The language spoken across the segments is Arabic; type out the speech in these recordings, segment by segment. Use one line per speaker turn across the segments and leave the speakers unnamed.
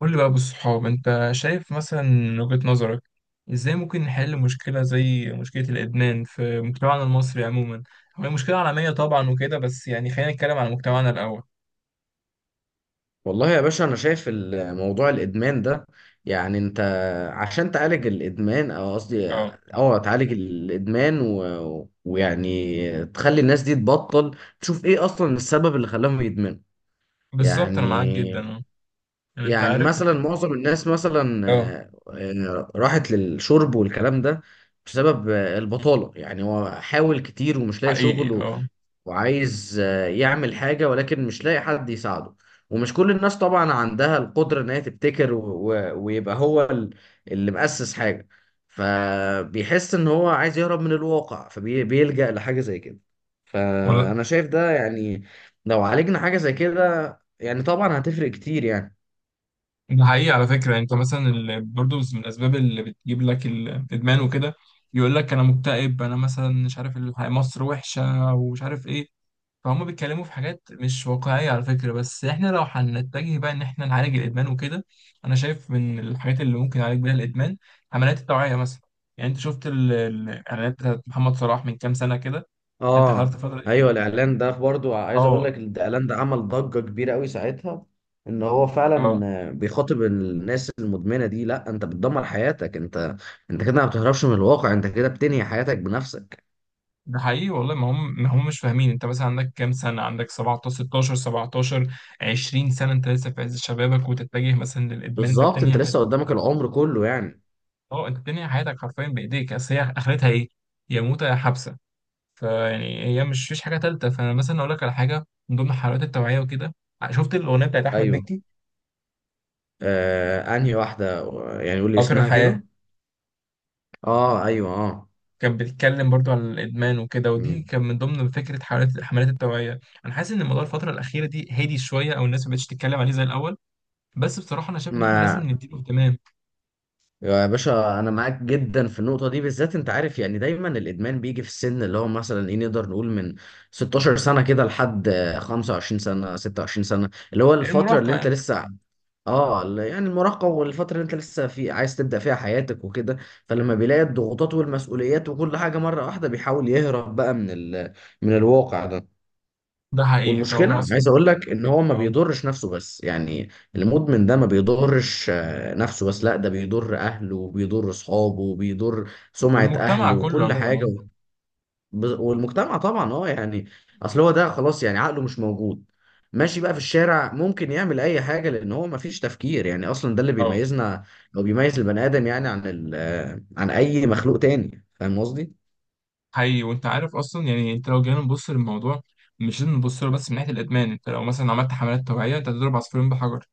قول لي بقى بالصحاب انت شايف مثلا من وجهة نظرك، ازاي ممكن نحل مشكلة زي مشكلة الإدمان في مجتمعنا المصري عموما. هي مشكلة عالمية طبعا وكده، بس يعني خلينا نتكلم على مجتمعنا الأول.
والله يا باشا انا شايف موضوع الادمان ده. يعني انت عشان تعالج الادمان، او قصدي،
اه،
اه تعالج الادمان و... ويعني تخلي الناس دي تبطل، تشوف ايه اصلا السبب اللي خلاهم يدمنوا.
بالظبط أنا معاك جدا.
يعني
اه، يعني انت
يعني
عارف.
مثلا معظم الناس مثلا
اه،
راحت للشرب والكلام ده بسبب البطالة. يعني هو حاول كتير ومش لاقي
حقيقي
شغل،
اه.
وعايز يعمل حاجة ولكن مش لاقي حد يساعده. ومش كل الناس طبعا عندها القدرة إن هي تبتكر و... و... ويبقى هو اللي مؤسس حاجة، فبيحس إن هو عايز يهرب من الواقع فبيلجأ لحاجة زي كده.
ولا،
فأنا شايف ده يعني لو عالجنا حاجة زي كده يعني طبعا هتفرق كتير يعني.
ده حقيقي على فكرة. يعني انت مثلا برضه من الأسباب اللي بتجيب لك الإدمان وكده، يقول لك أنا مكتئب، أنا مثلا مش عارف، مصر وحشة ومش عارف إيه. فهم بيتكلموا في حاجات مش واقعية على فكرة. بس احنا لو هنتجه بقى ان احنا نعالج الادمان وكده، انا شايف من الحاجات اللي ممكن نعالج بيها الادمان عمليات التوعية مثلا. يعني انت شفت الاعلانات بتاعت محمد صلاح من كام سنة كده؟ انت
اه
حضرت الفترة دي؟
ايوه الاعلان ده برضو، عايز اقول لك،
اه.
الاعلان ده عمل ضجه كبيره قوي ساعتها. ان هو فعلا
اه،
بيخاطب الناس المدمنه دي، لا انت بتدمر حياتك انت، انت كده ما بتهربش من الواقع، انت كده بتنهي حياتك بنفسك.
ده حقيقي والله. ما هم مش فاهمين. انت مثلا عندك كام سنة؟ عندك 17 16 17 20 سنة، انت لسه في عز شبابك وتتجه مثلا للادمان، انت
بالظبط،
بتنهي
انت لسه
حياتك.
قدامك العمر كله يعني.
اه، انت بتنهي حياتك حرفيا بايديك. اصل هي اخرتها ايه؟ يا موتة يا حبسة. فيعني هي مش فيش حاجه ثالثه. فانا مثلا اقول لك على حاجه من ضمن حلقات التوعيه وكده، شفت الاغنيه بتاعت احمد
ايوه.
مكي؟
آه انهي واحده؟ يعني قول لي
قطر
اسمها
الحياه.
كده. اه ايوه اه.
كان بيتكلم برضو على الادمان وكده، ودي
مم.
كان من ضمن فكره حملات التوعيه. انا حاسس ان الموضوع الفتره الاخيره دي هادي شويه، او الناس ما بقتش تتكلم عليه زي الاول. بس بصراحه انا شايف ان احنا
ما
لازم نديله اهتمام.
يا باشا انا معاك جدا في النقطه دي بالذات. انت عارف يعني دايما الادمان بيجي في السن اللي هو مثلا ايه، نقدر نقول من 16 سنه كده لحد 25 سنه 26 سنه، اللي هو الفتره اللي
المراهقه
انت
يعني.
لسه. اه يعني المراهقه والفتره اللي انت لسه في عايز تبدا فيها حياتك وكده. فلما بيلاقي الضغوطات والمسؤوليات وكل حاجه مره واحده، بيحاول يهرب بقى من من الواقع ده.
ده حقيقي،
والمشكلة،
فهو اصلا
عايز اقول لك، ان هو ما
اه.
بيضرش نفسه بس يعني. المدمن ده ما بيضرش نفسه بس، لا ده بيضر اهله وبيضر اصحابه وبيضر سمعة اهله
والمجتمع كله
وكل حاجة.
عموما
وب- والمجتمع طبعا، اه يعني. اصل هو ده خلاص يعني عقله مش موجود، ماشي بقى في الشارع، ممكن يعمل اي حاجة، لان هو ما فيش تفكير يعني. اصلا ده اللي
اه.
بيميزنا او بيميز البني ادم يعني عن ال آه، عن اي مخلوق تاني. فاهم قصدي؟
حقيقي. وانت عارف اصلا، يعني انت لو جينا نبص للموضوع، مش لازم نبص له بس من ناحيه الادمان. انت لو مثلا عملت حملات توعيه، انت هتضرب عصفورين بحجر.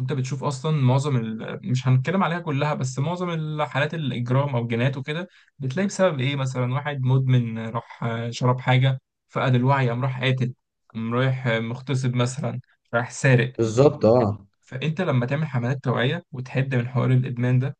انت بتشوف اصلا معظم ال... مش هنتكلم عليها كلها، بس معظم الحالات الاجرام او جينات وكده، بتلاقي بسبب ايه؟ مثلا واحد مدمن راح شرب حاجه، فقد الوعي، قام راح قاتل، قام رايح مغتصب مثلا، راح سارق.
بالظبط اه.
فانت لما تعمل حملات توعيه وتحد من حوار الادمان ده،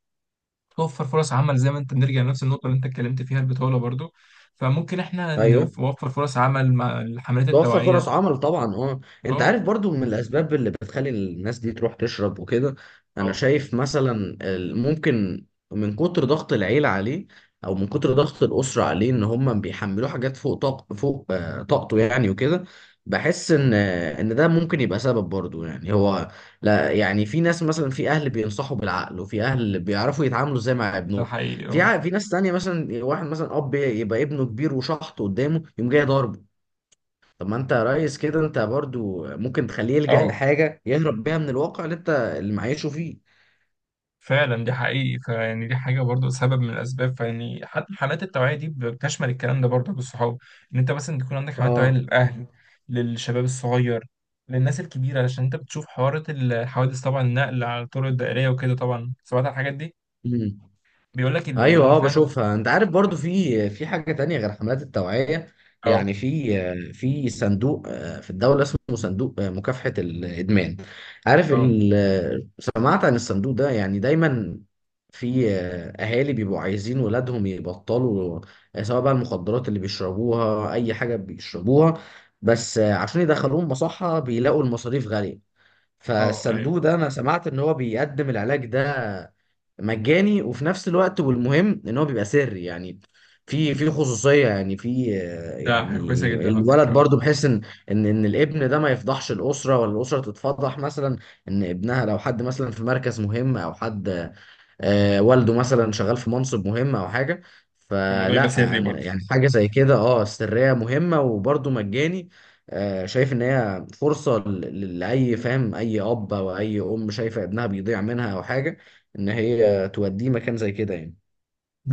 توفر فرص عمل، زي ما انت بنرجع لنفس النقطة اللي انت اتكلمت فيها، البطولة برضو. فممكن احنا
ايوه،
نوفر فرص عمل مع الحملات
توفر فرص
التوعية.
عمل طبعا اه. انت عارف
اه.
برضو من الاسباب اللي بتخلي الناس دي تروح تشرب وكده، انا
اه،
شايف مثلا ممكن من كتر ضغط العيلة عليه، او من كتر ضغط الاسرة عليه، ان هم بيحملوه حاجات فوق طاقته يعني وكده. بحس ان ده ممكن يبقى سبب برضو يعني. هو لا، يعني في ناس مثلا، في اهل بينصحوا بالعقل، وفي اهل بيعرفوا يتعاملوا ازاي مع
ده
ابنهم.
حقيقي اه.
في ناس تانية مثلا، واحد مثلا اب يبقى ابنه كبير وشحط قدامه يقوم جاي ضاربه. طب ما انت يا ريس كده انت برضو ممكن تخليه يلجأ
اه،
لحاجة يهرب بيها من الواقع اللي معيشه فيه.
فعلا دي حقيقي. فيعني دي حاجة برضو سبب من الأسباب. فيعني حتى الحملات التوعية دي بتشمل الكلام ده برضو للصحاب، إن أنت مثلا تكون عندك حملات توعية
اه.
للأهل، للشباب الصغير، للناس الكبيرة، علشان أنت بتشوف حوارات الحوادث طبعا، النقل على الطرق الدائرية وكده طبعا، سمعت عن الحاجات دي.
مم.
بيقول لك إن إن
ايوه
هو
اه
فعلا.
بشوفها. انت عارف برضو في حاجه تانية غير حملات التوعيه.
اه.
يعني في في صندوق في الدوله اسمه صندوق مكافحه الادمان. عارف
اه.
سمعت عن الصندوق ده يعني. دايما في اهالي بيبقوا عايزين ولادهم يبطلوا، سواء بقى المخدرات اللي بيشربوها اي حاجه بيشربوها، بس عشان يدخلوهم مصحه بيلاقوا المصاريف غاليه.
اه، ايوه.
فالصندوق ده انا سمعت ان هو بيقدم العلاج ده مجاني، وفي نفس الوقت والمهم ان هو بيبقى سري يعني، في خصوصيه يعني في
ده حاجة كويسة
يعني
جدا على
الولد
فكرة اه.
برضو، بحيث ان ان الابن ده ما يفضحش الاسره، ولا الاسره تتفضح مثلا ان ابنها، لو حد مثلا في مركز مهم، او حد والده مثلا شغال في منصب مهم او حاجه.
كان الموضوع يبقى سري برضه.
يعني حاجه زي كده اه، سريه مهمه وبرده مجاني. شايف ان هي فرصه لاي فاهم، اي اب او اي ام شايفه ابنها بيضيع منها او حاجه، ان هي توديه مكان زي كده يعني.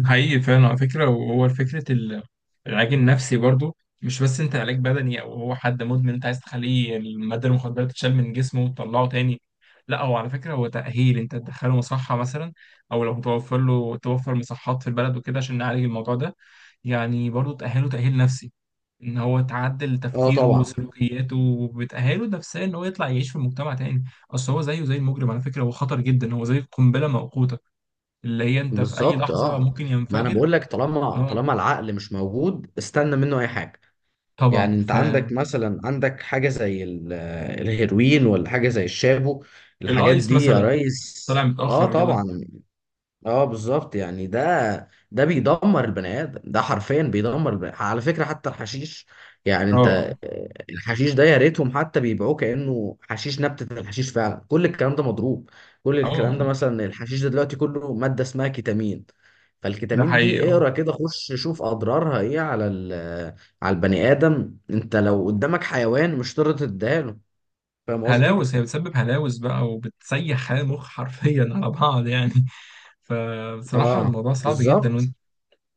حقيقي فعلا على فكرة. وهو فكرة العلاج النفسي برضه، مش بس انت علاج بدني، او هو حد مدمن انت عايز تخليه المادة المخدرة تتشال من جسمه وتطلعه تاني. لا، هو على فكرة هو تأهيل. انت تدخله مصحة مثلا، او لو توفر له، توفر مصحات في البلد وكده عشان نعالج الموضوع ده. يعني برضه تأهله تأهيل نفسي، ان هو تعدل
اه
تفكيره
طبعا.
وسلوكياته، وبتأهله نفسيا ان هو يطلع يعيش في مجتمع تاني. اصل هو زيه زي المجرم على فكرة، هو خطر جدا، هو زي قنبلة موقوتة، اللي هي انت في اي
بالظبط
لحظة
اه.
ممكن
ما انا
ينفجر.
بقول لك، طالما
اه
طالما العقل مش موجود استنى منه اي حاجه. يعني
طبعا.
انت عندك مثلا، عندك حاجة زي ال- الهيروين، ولا حاجة زي الشابو، الحاجات
فالايس
دي يا
مثلا،
ريس.
طلع
اه
متأخر كده.
طبعا. اه بالظبط. يعني ده بيدمر البني ادم ده، حرفيا بيدمر البني آدم. على فكره حتى الحشيش، يعني انت
اه.
الحشيش ده يا ريتهم حتى بيبيعوه كانه حشيش نبته. الحشيش فعلا كل الكلام ده مضروب، كل الكلام ده.
اه،
مثلا الحشيش ده دلوقتي كله ماده اسمها كيتامين،
ده
فالكيتامين
حقيقي
دي
اه.
اقرا كده، خش شوف اضرارها ايه على على البني ادم. انت لو قدامك حيوان مش هتقدر تديها له. فاهم قصدي؟
هلاوس، هي بتسبب هلاوس بقى وبتسيح خلايا المخ حرفيا على بعض يعني. فبصراحة
اه
الموضوع صعب جدا.
بالظبط.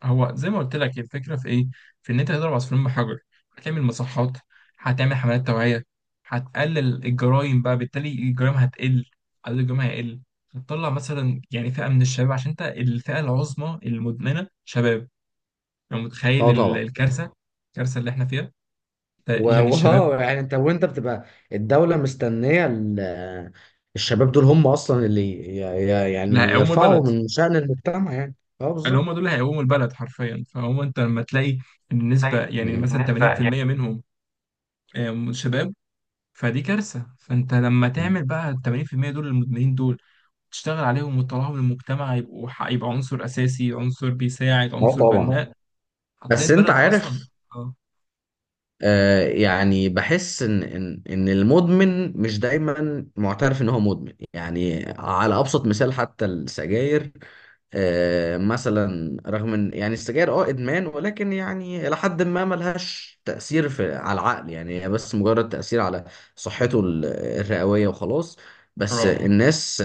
هو زي ما قلت لك، هي الفكره في ايه؟ في ان انت تضرب عصفورين بحجر. هتعمل مصحات، هتعمل حملات توعيه، هتقلل الجرائم بقى، بالتالي الجرائم هتقل، عدد الجرائم هيقل. هتطلع مثلا يعني فئه من الشباب، عشان انت الفئه العظمى المدمنه شباب. لو متخيل
اه طبعا.
الكارثه، الكارثه اللي احنا فيها،
و-
يعني الشباب،
واه، يعني انت وانت بتبقى الدولة مستنية الشباب دول، هم اصلا اللي
اللي
يعني
هيقوموا
يرفعوا
البلد،
من شأن المجتمع يعني. اه
اللي هم
بالظبط.
دول هيقوموا البلد حرفيا. فهو انت لما تلاقي النسبه
زي. مم.
يعني مثلا
بالنسبة يعني.
80% منهم شباب، فدي كارثة. فانت لما تعمل بقى ال 80% دول، المدمنين دول، تشتغل عليهم وتطلعهم للمجتمع، يبقوا يبقى عنصر أساسي، عنصر بيساعد،
اه
عنصر
طبعا.
بناء، هتلاقي
بس انت
البلد أصلا.
عارف
اه.
يعني بحس ان المدمن مش دايما معترف ان هو مدمن. يعني على ابسط مثال، حتى السجاير، مثلا رغم ان يعني السجاير اه ادمان، ولكن يعني الى حد ما ملهاش تاثير في على العقل، يعني هي بس مجرد تاثير على صحته الرئويه وخلاص. بس
اه.
الناس،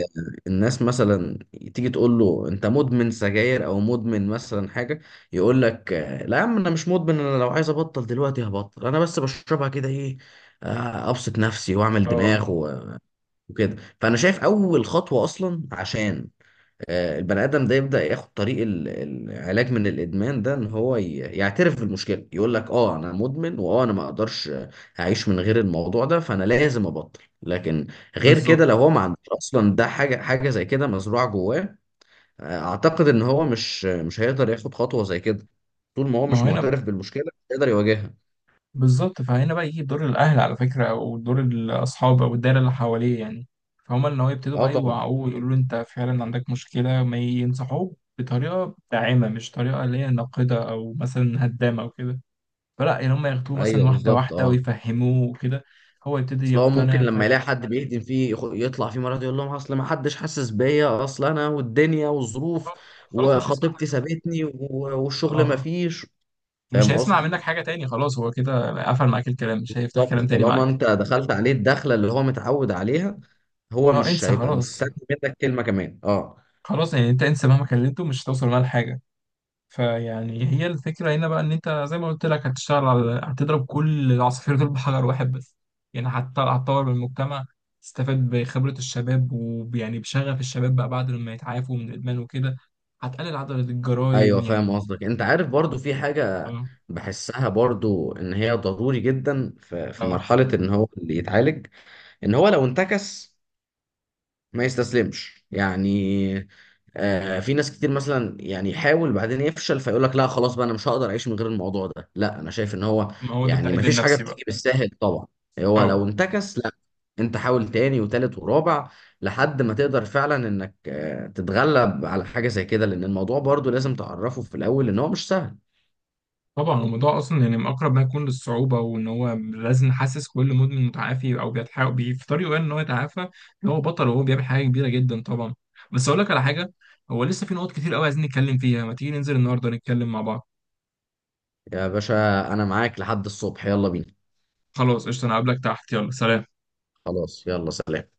الناس مثلا تيجي تقول له انت مدمن سجاير او مدمن مثلا حاجه، يقول لك لا يا عم انا مش مدمن، انا لو عايز ابطل دلوقتي هبطل، انا بس بشربها كده ايه، ابسط نفسي واعمل
اه.
دماغ
آه.
وكده. فانا شايف اول خطوة اصلا عشان البني ادم ده يبدأ ياخد طريق العلاج من الادمان ده، ان هو يعترف بالمشكلة. يقول لك اه انا مدمن، واه انا ما اقدرش اعيش من غير الموضوع ده، فانا لازم ابطل. لكن غير كده،
بالظبط.
لو هو ما عندوش اصلا ده، حاجة زي كده مزروعة جواه، اعتقد ان هو مش هيقدر ياخد خطوه زي كده. طول ما هو
ما هو
مش
هنا
معترف بالمشكله مش هيقدر يواجهها.
بالظبط. فهنا بقى يجي دور الأهل على فكرة، أو دور الأصحاب، أو الدايرة اللي حواليه يعني. فهم إن هو يبتدوا
اه
بقى
طبعا.
يوعوه ويقولوا له أنت فعلا عندك مشكلة، ما ينصحوه بطريقة داعمة، مش طريقة اللي هي ناقدة أو مثلا هدامة أو كده. فلا يعني هم ياخدوه مثلا
ايوه
واحدة
بالظبط
واحدة
اه.
ويفهموه وكده، هو يبتدي
اصل هو ممكن
يقتنع
لما يلاقي
فيروح.
حد بيهدم فيه، يطلع فيه مرات يقول لهم اصل ما حدش حاسس بيا، اصل انا والدنيا والظروف
خلاص مش هيسمع
وخطيبتي
حاجة.
سابتني، والشغل ما
اه،
فيش.
مش
فاهم
هيسمع
قصدي.
منك حاجة تاني، خلاص هو كده قفل معاك الكلام، مش هيفتح
بالظبط،
كلام تاني
طالما
معاك.
انت دخلت عليه الدخله اللي هو متعود عليها، هو
اه،
مش
انسى
هيبقى
خلاص.
مستني منك كلمه كمان اه.
خلاص يعني انت انسى، مهما كلمته مش هتوصل معاه لحاجة. فيعني هي الفكرة هنا بقى إن أنت زي ما قلت لك، هتشتغل على، هتضرب كل العصافير دول بحجر واحد بس. يعني هتطور من المجتمع، تستفاد بخبرة الشباب، ويعني بشغف الشباب بقى بعد ما يتعافوا من الإدمان وكده، هتقلل عدد الجرائم
ايوه فاهم
يعني.
قصدك. انت عارف برضو في حاجة
أه.
بحسها برضو ان هي ضروري جدا، في
أه،
مرحلة ان هو اللي يتعالج، ان هو لو انتكس ما يستسلمش يعني. آه في ناس كتير مثلا، يعني يحاول بعدين يفشل فيقول لك لا خلاص بقى انا مش هقدر اعيش من غير الموضوع ده. لا انا شايف ان هو
ما هو ده
يعني ما
التأهيل
فيش حاجه
النفسي بقى.
بتيجي بالساهل طبعا. هو
أه،
لو انتكس، لا انت حاول تاني وتالت ورابع لحد ما تقدر فعلا انك آه تتغلب على حاجه زي كده. لان الموضوع برضو لازم تعرفه في الاول، ان هو مش سهل.
طبعا الموضوع اصلا يعني من اقرب ما يكون للصعوبه، وان هو لازم نحسس كل مدمن متعافي او بيتحاول في طريقه يعني ان هو يتعافى، ان هو بطل وهو بيعمل حاجه كبيره جدا طبعا. بس اقول لك على حاجه، هو لسه في نقط كتير قوي عايزين نتكلم فيها. ما تيجي ننزل النهارده نتكلم مع بعض؟
يا باشا انا معاك لحد الصبح، يلا بينا.
خلاص قشطه، انا هقابلك تحت، يلا سلام.
خلاص يلا سلام.